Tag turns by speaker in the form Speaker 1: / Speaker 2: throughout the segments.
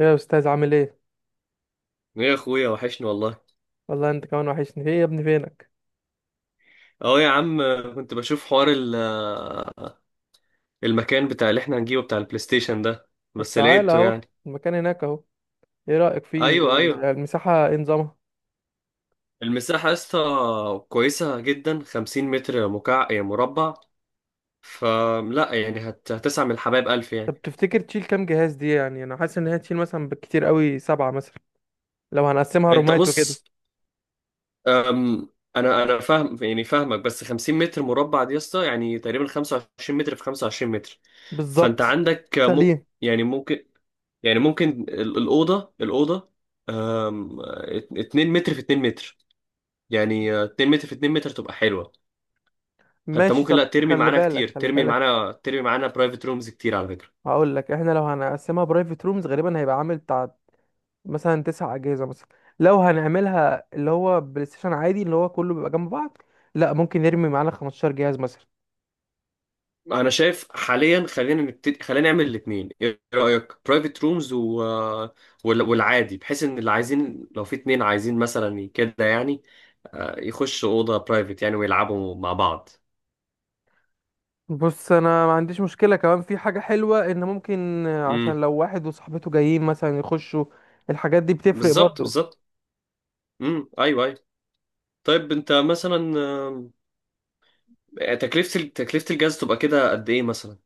Speaker 1: ايه يا استاذ، عامل ايه؟
Speaker 2: يا اخويا وحشني والله.
Speaker 1: والله انت كمان وحشني. ايه يا ابني فينك؟
Speaker 2: اه يا عم، كنت بشوف حوار المكان بتاع اللي احنا هنجيبه بتاع البلاي ستيشن ده،
Speaker 1: طب
Speaker 2: بس
Speaker 1: تعالى
Speaker 2: لقيته
Speaker 1: اهو.
Speaker 2: يعني.
Speaker 1: المكان هناك اهو. ايه رايك فيه
Speaker 2: ايوه ايوه،
Speaker 1: المساحه؟ ايه نظامها؟
Speaker 2: المساحه يا اسطى كويسه جدا. 50 متر يعني مربع. فلا يعني هتسعى من الحبايب الف يعني.
Speaker 1: طب تفتكر تشيل كام جهاز دي؟ يعني انا حاسس ان هي تشيل مثلا بالكتير قوي سبعة مثلا، لو هنقسمها
Speaker 2: انت
Speaker 1: رومات وكده.
Speaker 2: بص. أم... انا فاهم يعني فاهمك، بس 50 متر مربع دي يا اسطى يعني تقريبا 25 متر في 25 متر. فانت
Speaker 1: بالظبط.
Speaker 2: عندك
Speaker 1: سليم.
Speaker 2: يعني ممكن، يعني ممكن الأوضة اتنين متر في اتنين متر. يعني اتنين متر في اتنين متر تبقى حلوة. حتى
Speaker 1: ماشي
Speaker 2: ممكن
Speaker 1: طب
Speaker 2: لا ترمي
Speaker 1: خلي
Speaker 2: معانا كتير،
Speaker 1: بالك خلي
Speaker 2: ترمي
Speaker 1: بالك.
Speaker 2: معانا ترمي معانا برايفت رومز كتير على فكرة.
Speaker 1: هقول لك احنا لو هنقسمها برايفت رومز غالبا هيبقى عامل بتاع مثلا تسع اجهزه مثلا، لو هنعملها اللي هو بلاي ستيشن عادي اللي هو كله بيبقى جنب بعض. لا ممكن نرمي معانا 15 جهاز مثلا.
Speaker 2: أنا شايف حاليا خلينا نبتدي، خلينا نعمل الاتنين. إيه رأيك برايفت رومز و... آه، والعادي، بحيث إن اللي عايزين لو في اتنين عايزين مثلا كده يعني يخشوا أوضة برايفت يعني ويلعبوا مع بعض.
Speaker 1: بص انا ما عنديش مشكله، كمان في حاجه حلوه ان ممكن عشان
Speaker 2: امم
Speaker 1: لو واحد وصاحبته جايين مثلا يخشوا. الحاجات دي بتفرق
Speaker 2: بالظبط
Speaker 1: برضو.
Speaker 2: بالظبط. أيوه أيوه. طيب أنت مثلا، تكلفة تكلفة الجهاز تبقى كده قد ايه مثلا؟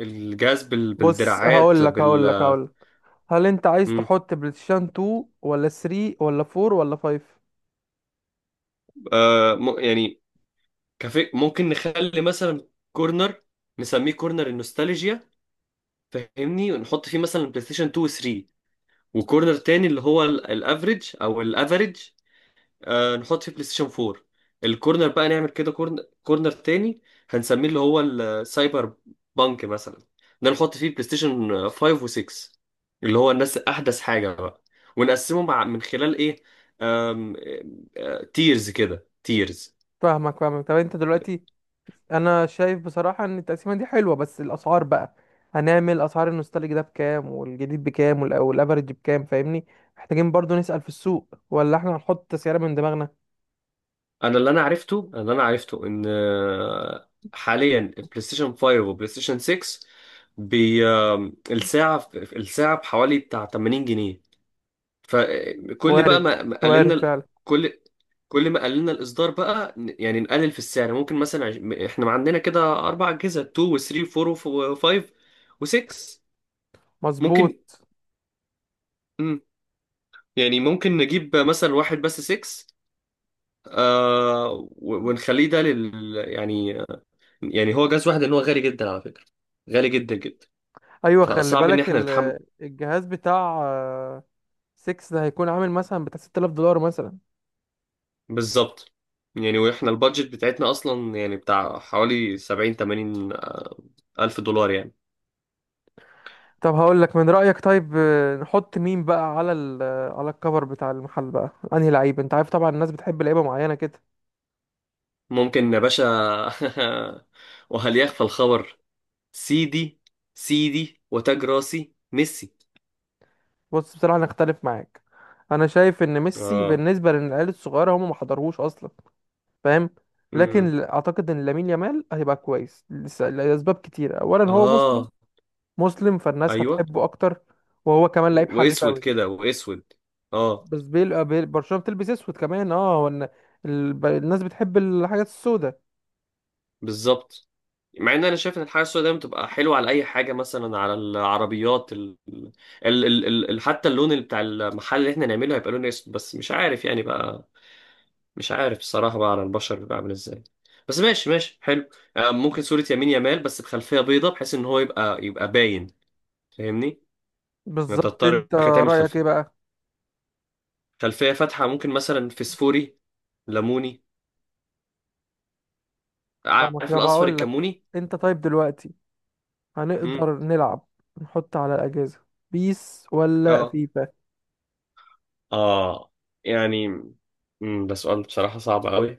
Speaker 2: الجهاز
Speaker 1: بص
Speaker 2: بالدراعات
Speaker 1: هقول لك هقول لك هقول لك هل انت عايز
Speaker 2: مم.
Speaker 1: تحط بلايستيشن 2 ولا 3 ولا 4 ولا 5؟
Speaker 2: يعني ممكن نخلي مثلا كورنر، نسميه كورنر النوستالجيا، فاهمني؟ ونحط فيه مثلا بلاي ستيشن 2 و 3. وكورنر تاني اللي هو الافريج او الافريج، آه، نحط فيه بلاي ستيشن 4. الكورنر بقى نعمل كده، كورنر تاني هنسميه اللي هو السايبر بانك مثلا، ده نحط فيه بلاي ستيشن 5 و6، اللي هو الناس احدث حاجه بقى. ونقسمه مع من خلال ايه؟ آم... آه، تيرز كده تيرز.
Speaker 1: فاهمك فاهمك. طب انت دلوقتي، انا شايف بصراحه ان التقسيمه دي حلوه بس الاسعار بقى، هنعمل اسعار النوستالج ده بكام والجديد بكام والافرج بكام؟ فاهمني. محتاجين برضو نسأل في السوق ولا احنا هنحط سعر من دماغنا؟
Speaker 2: انا اللي انا عرفته ان حاليا البلاي ستيشن 5 وبلاي ستيشن 6 بي آم، الساعه بحوالي بتاع 80 جنيه. فكل بقى
Speaker 1: وارد.
Speaker 2: ما قللنا
Speaker 1: وارد فعلا.
Speaker 2: كل كل ما قللنا الاصدار بقى يعني نقلل في السعر. ممكن مثلا احنا ما عندنا كده اربع اجهزه، 2 و3 و4 و5 و6.
Speaker 1: مظبوط.
Speaker 2: ممكن. مم. يعني ممكن نجيب مثلا واحد بس 6، آه، ونخليه ده لل يعني. يعني هو جهاز واحد لان هو غالي جدا على فكره، غالي جدا جدا،
Speaker 1: ايوه خلي
Speaker 2: فصعب ان
Speaker 1: بالك
Speaker 2: احنا نتحمل.
Speaker 1: الجهاز بتاع 6 ده هيكون عامل مثلا بتاع 6000 دولار مثلا.
Speaker 2: بالظبط. يعني واحنا البادجت بتاعتنا اصلا يعني بتاع حوالي 70 80 الف دولار يعني.
Speaker 1: طب هقول لك من رأيك، طيب نحط مين بقى على ال، على الكفر بتاع المحل بقى انهي لعيب؟ انت عارف طبعا الناس بتحب لعيبه معينه كده.
Speaker 2: ممكن يا باشا. وهل يخفى الخبر؟ سيدي، سيدي وتاج راسي ميسي.
Speaker 1: بص بصراحه انا اختلف معاك. انا شايف ان ميسي
Speaker 2: اه.
Speaker 1: بالنسبه للعيال الصغيره هم ما حضروش اصلا، فاهم. لكن
Speaker 2: امم،
Speaker 1: اعتقد ان لامين يامال هيبقى كويس لاسباب كتيره، اولا هو مسلم.
Speaker 2: اه
Speaker 1: مسلم فالناس
Speaker 2: ايوه.
Speaker 1: هتحبه اكتر. وهو كمان لعيب حريف
Speaker 2: واسود
Speaker 1: قوي.
Speaker 2: كده واسود. اه
Speaker 1: بس برشلونة بتلبس اسود كمان. اه هو إن الناس بتحب الحاجات السوداء.
Speaker 2: بالظبط. مع ان انا شايف ان الحاجه السوداء دايما بتبقى حلوه على اي حاجه، مثلا على العربيات حتى اللون اللي بتاع المحل اللي احنا نعمله هيبقى لون اسود، بس مش عارف يعني بقى، مش عارف الصراحة بقى على البشر بيبقى عامل ازاي. بس ماشي ماشي حلو. آه، ممكن صورة يمين يمال بس بخلفية بيضة، بحيث ان هو يبقى باين، فاهمني يعني. انت
Speaker 1: بالظبط.
Speaker 2: تضطر
Speaker 1: انت
Speaker 2: كده تعمل
Speaker 1: رأيك ايه
Speaker 2: خلفية،
Speaker 1: بقى؟
Speaker 2: خلفية فاتحة، ممكن مثلا فسفوري، ليموني.
Speaker 1: فاهمك.
Speaker 2: عارف
Speaker 1: طب
Speaker 2: الأصفر
Speaker 1: هقول لك،
Speaker 2: الكموني؟
Speaker 1: انت طيب دلوقتي،
Speaker 2: امم.
Speaker 1: هنقدر نلعب نحط على الأجهزة بيس ولا
Speaker 2: اه
Speaker 1: فيفا؟
Speaker 2: اه يعني. امم، ده سؤال بصراحة صعب قوي.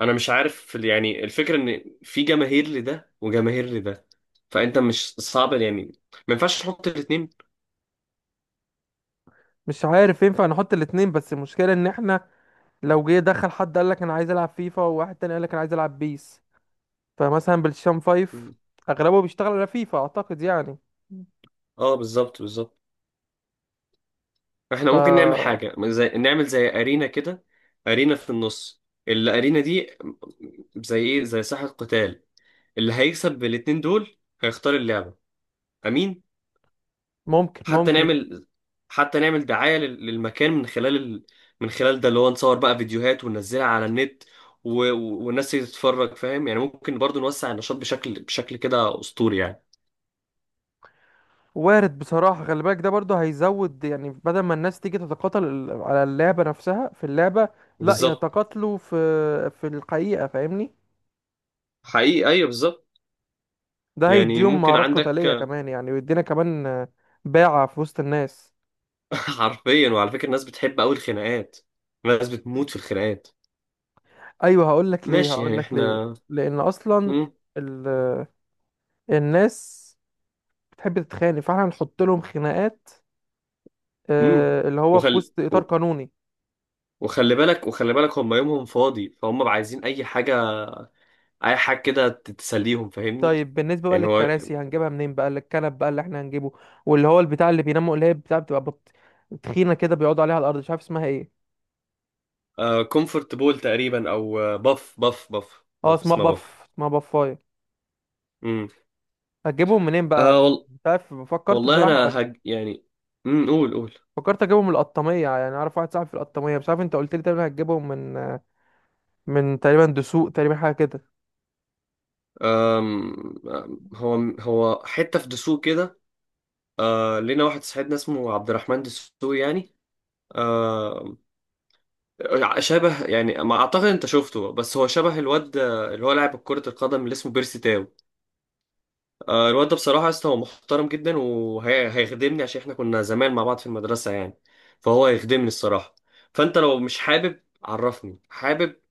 Speaker 2: انا مش عارف، في يعني الفكرة ان في جماهير لده وجماهير لده، فانت مش صعب يعني، ما ينفعش تحط الاتنين.
Speaker 1: مش عارف ينفع نحط الاتنين بس المشكلة ان احنا لو جه دخل حد قال لك انا عايز العب فيفا وواحد تاني قال لك انا عايز العب بيس. فمثلا بالشام فايف
Speaker 2: مم.
Speaker 1: اغلبه بيشتغل على فيفا اعتقد يعني.
Speaker 2: اه بالظبط بالظبط. احنا ممكن نعمل
Speaker 1: فممكن.
Speaker 2: حاجة زي، نعمل زي أرينا كده. أرينا في النص، الأرينا دي زي ايه؟ زي ساحة قتال، اللي هيكسب بالاتنين دول هيختار اللعبة. أمين. حتى
Speaker 1: ممكن.
Speaker 2: نعمل حتى نعمل دعاية للمكان من خلال من خلال ده، اللي هو نصور بقى فيديوهات وننزلها على النت، والناس تتفرج، فاهم يعني. ممكن برضو نوسع النشاط بشكل كده أسطوري يعني.
Speaker 1: وارد بصراحة. خلي بالك ده برضه هيزود، يعني بدل ما الناس تيجي تتقاتل على اللعبة نفسها في اللعبة، لا
Speaker 2: بالظبط.
Speaker 1: يتقاتلوا في الحقيقة. فاهمني.
Speaker 2: حقيقي أيوه بالظبط.
Speaker 1: ده
Speaker 2: يعني
Speaker 1: هيديهم
Speaker 2: ممكن
Speaker 1: مهارات قتالية
Speaker 2: عندك.
Speaker 1: كمان، يعني ويدينا كمان باعة في وسط الناس.
Speaker 2: حرفيا. وعلى فكرة الناس بتحب أوي الخناقات، الناس بتموت في الخناقات.
Speaker 1: أيوه هقول لك ليه،
Speaker 2: ماشي
Speaker 1: هقول
Speaker 2: يعني
Speaker 1: لك ليه.
Speaker 2: احنا.
Speaker 1: لأن أصلا
Speaker 2: مم.
Speaker 1: ال... الناس بتحب تتخانق، فاحنا هنحط لهم خناقات
Speaker 2: مم.
Speaker 1: اللي هو في
Speaker 2: وخل...
Speaker 1: وسط إطار
Speaker 2: و-
Speaker 1: قانوني.
Speaker 2: وخلي بالك، وخلي بالك، هم يومهم فاضي فهم بقى عايزين أي حاجة، أي حاجة كده تسليهم، فاهمني؟
Speaker 1: طيب بالنسبة بقى
Speaker 2: يعني هو
Speaker 1: للكراسي، هنجيبها منين بقى؟ الكنب بقى اللي احنا هنجيبه، واللي هو البتاع اللي بيناموا اللي هي بتاع بتبقى تخينة كده، بيقعدوا عليها على الأرض، مش عارف اسمها ايه.
Speaker 2: كومفورت بول تقريبا، أو باف باف باف
Speaker 1: اه
Speaker 2: باف،
Speaker 1: اسمها
Speaker 2: اسمها باف.
Speaker 1: باف. اسمها بافاية.
Speaker 2: مم.
Speaker 1: هتجيبهم منين بقى؟
Speaker 2: آه وال...
Speaker 1: مش عارف فكرت
Speaker 2: والله
Speaker 1: بصراحة.
Speaker 2: أنا يعني. مم. قول قول.
Speaker 1: فكرت اجيبهم من القطامية، يعني اعرف واحد صاحبي في القطامية. مش عارف انت قلت لي تقريبا هتجيبهم من تقريبا دسوق تقريبا حاجة كده.
Speaker 2: أم... أم، هو حتة في دسوق كده. آه، لينا واحد صاحبنا اسمه عبد الرحمن دسوقي يعني. آه، شبه يعني ما اعتقد انت شفته، بس هو شبه الواد اللي هو لاعب كرة القدم اللي اسمه بيرسي تاو. آه، الواد ده بصراحة يا اسطى هو محترم جدا وهيخدمني، عشان احنا كنا زمان مع بعض في المدرسة يعني، فهو هيخدمني الصراحة. فانت لو مش حابب عرفني، حابب،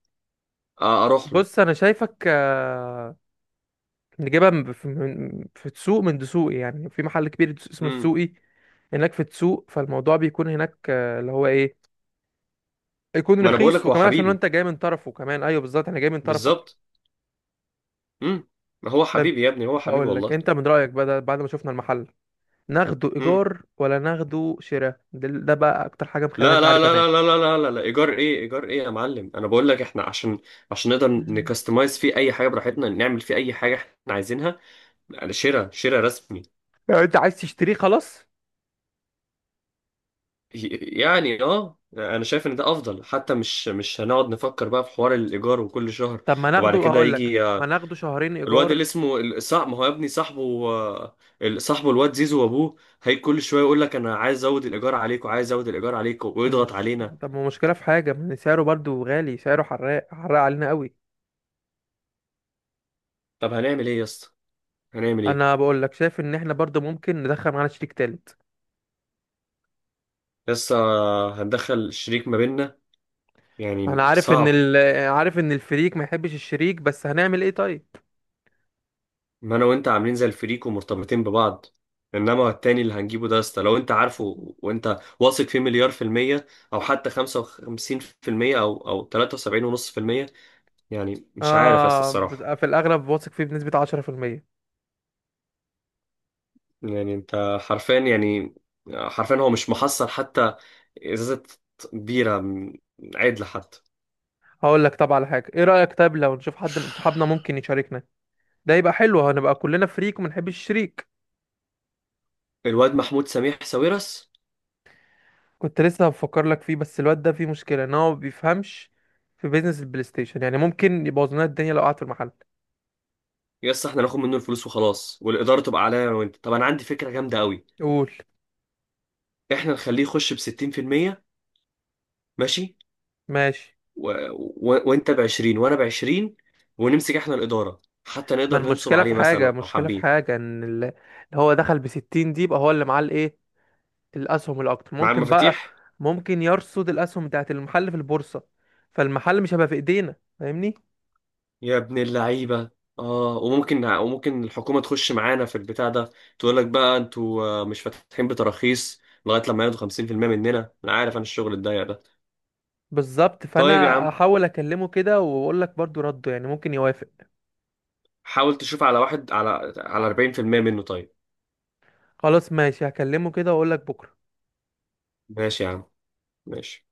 Speaker 2: آه، اروح له.
Speaker 1: بص انا شايفك نجيبها في سوق من دسوقي، يعني في محل كبير اسمه
Speaker 2: امم.
Speaker 1: السوقي هناك في السوق. فالموضوع بيكون هناك اللي هو ايه، يكون
Speaker 2: ما انا بقول
Speaker 1: رخيص
Speaker 2: لك هو
Speaker 1: وكمان عشان
Speaker 2: حبيبي.
Speaker 1: انت جاي من طرفه كمان. ايوه بالظبط احنا جاي من طرفك.
Speaker 2: بالظبط. امم. ما هو
Speaker 1: طيب
Speaker 2: حبيبي يا ابني، هو حبيبي
Speaker 1: هقول لك
Speaker 2: والله.
Speaker 1: انت من رايك بقى، ده بعد ما شفنا المحل ناخده ايجار ولا ناخده شراء؟ ده بقى اكتر حاجه مخليني
Speaker 2: لا
Speaker 1: مش
Speaker 2: لا
Speaker 1: عارف
Speaker 2: لا
Speaker 1: انام.
Speaker 2: لا لا لا لا لا لا، ايجار ايه، ايجار ايه يا معلم؟ انا بقول لك احنا عشان، عشان نقدر
Speaker 1: مم.
Speaker 2: نكستمايز فيه اي حاجه براحتنا، نعمل فيه اي حاجه احنا عايزينها. يعني شراء، شراء رسمي.
Speaker 1: لو انت عايز تشتريه خلاص.
Speaker 2: يعني اه انا شايف ان ده افضل، حتى مش هنقعد نفكر بقى في حوار الايجار وكل شهر.
Speaker 1: طب ما ناخده،
Speaker 2: وبعد كده
Speaker 1: هقول لك
Speaker 2: يجي
Speaker 1: ما
Speaker 2: آه،
Speaker 1: ناخده شهرين
Speaker 2: الواد
Speaker 1: ايجار
Speaker 2: اللي اسمه ما هو يا ابني صاحبه، آه، صاحبه الواد زيزو وابوه. هي كل شويه يقول لك انا عايز ازود الايجار عليكم، عايز ازود الايجار عليكم، ويضغط
Speaker 1: مش،
Speaker 2: علينا.
Speaker 1: طب ما مشكله في حاجه ان سعره برضو غالي، سعره حراق حراق علينا قوي.
Speaker 2: طب هنعمل ايه يا اسطى؟ هنعمل
Speaker 1: انا
Speaker 2: ايه؟
Speaker 1: بقول لك شايف ان احنا برضو ممكن ندخل معانا شريك تالت.
Speaker 2: لسه هندخل الشريك ما بيننا؟
Speaker 1: انا
Speaker 2: يعني
Speaker 1: عارف ان
Speaker 2: صعب،
Speaker 1: عارف ان الفريق ما يحبش الشريك، بس هنعمل ايه طيب؟
Speaker 2: ما انا وانت عاملين زي الفريق ومرتبطين ببعض. انما التاني اللي هنجيبه ده اسطى، لو انت عارفه وانت واثق فيه مليار في المية، او حتى خمسة وخمسين في المية، او تلاتة وسبعين ونص في المية، يعني مش عارف يا اسطى
Speaker 1: انا
Speaker 2: الصراحة.
Speaker 1: في الاغلب واثق فيه بنسبة 10%.
Speaker 2: يعني انت حرفيا يعني، حرفيا هو مش محصل حتى ازازة بيرة عدل حتى.
Speaker 1: هقول لك طب على حاجة، ايه رأيك طب لو نشوف حد من صحابنا ممكن يشاركنا؟ ده يبقى حلو، هنبقى كلنا فريق وما نحبش الشريك.
Speaker 2: الواد محمود سميح ساويرس.
Speaker 1: كنت لسه بفكر لك فيه بس الواد ده فيه مشكلة ان هو ما بيفهمش في بيزنس البلاي ستيشن، يعني ممكن يبوظ لنا الدنيا لو قعد في المحل.
Speaker 2: يس احنا ناخد منه الفلوس وخلاص، والاداره تبقى عليا انا وانت. طب انا عندي فكره جامده قوي،
Speaker 1: قول.
Speaker 2: احنا نخليه يخش ب 60%، ماشي،
Speaker 1: ماشي.
Speaker 2: و... وانت ب 20 وانا ب 20، ونمسك احنا الاداره، حتى
Speaker 1: ما
Speaker 2: نقدر ننصب
Speaker 1: المشكلة
Speaker 2: عليه
Speaker 1: في
Speaker 2: مثلا
Speaker 1: حاجة،
Speaker 2: لو
Speaker 1: المشكلة في
Speaker 2: حابين،
Speaker 1: حاجة ان اللي هو دخل بـ60 دي يبقى هو اللي معاه الايه، الاسهم الاكتر
Speaker 2: مع
Speaker 1: ممكن بقى،
Speaker 2: المفاتيح.
Speaker 1: ممكن يرصد الاسهم بتاعت المحل في البورصة، فالمحل مش هيبقى في ايدينا. فاهمني.
Speaker 2: يا ابن اللعيبه. اه، وممكن الحكومه تخش معانا في البتاع ده، تقول لك بقى انتوا آه، مش فاتحين بتراخيص، لغايه لما ياخدوا 50% مننا. انا عارف انا الشغل الضيق ده.
Speaker 1: بالظبط
Speaker 2: طيب يا
Speaker 1: فانا
Speaker 2: عم،
Speaker 1: احاول اكلمه كده واقول لك برضو رده، يعني ممكن يوافق.
Speaker 2: حاول تشوف على واحد على 40% منه، طيب.
Speaker 1: خلاص ماشي هكلمه كده واقول لك بكره.
Speaker 2: ماشي يا عم. ماشي.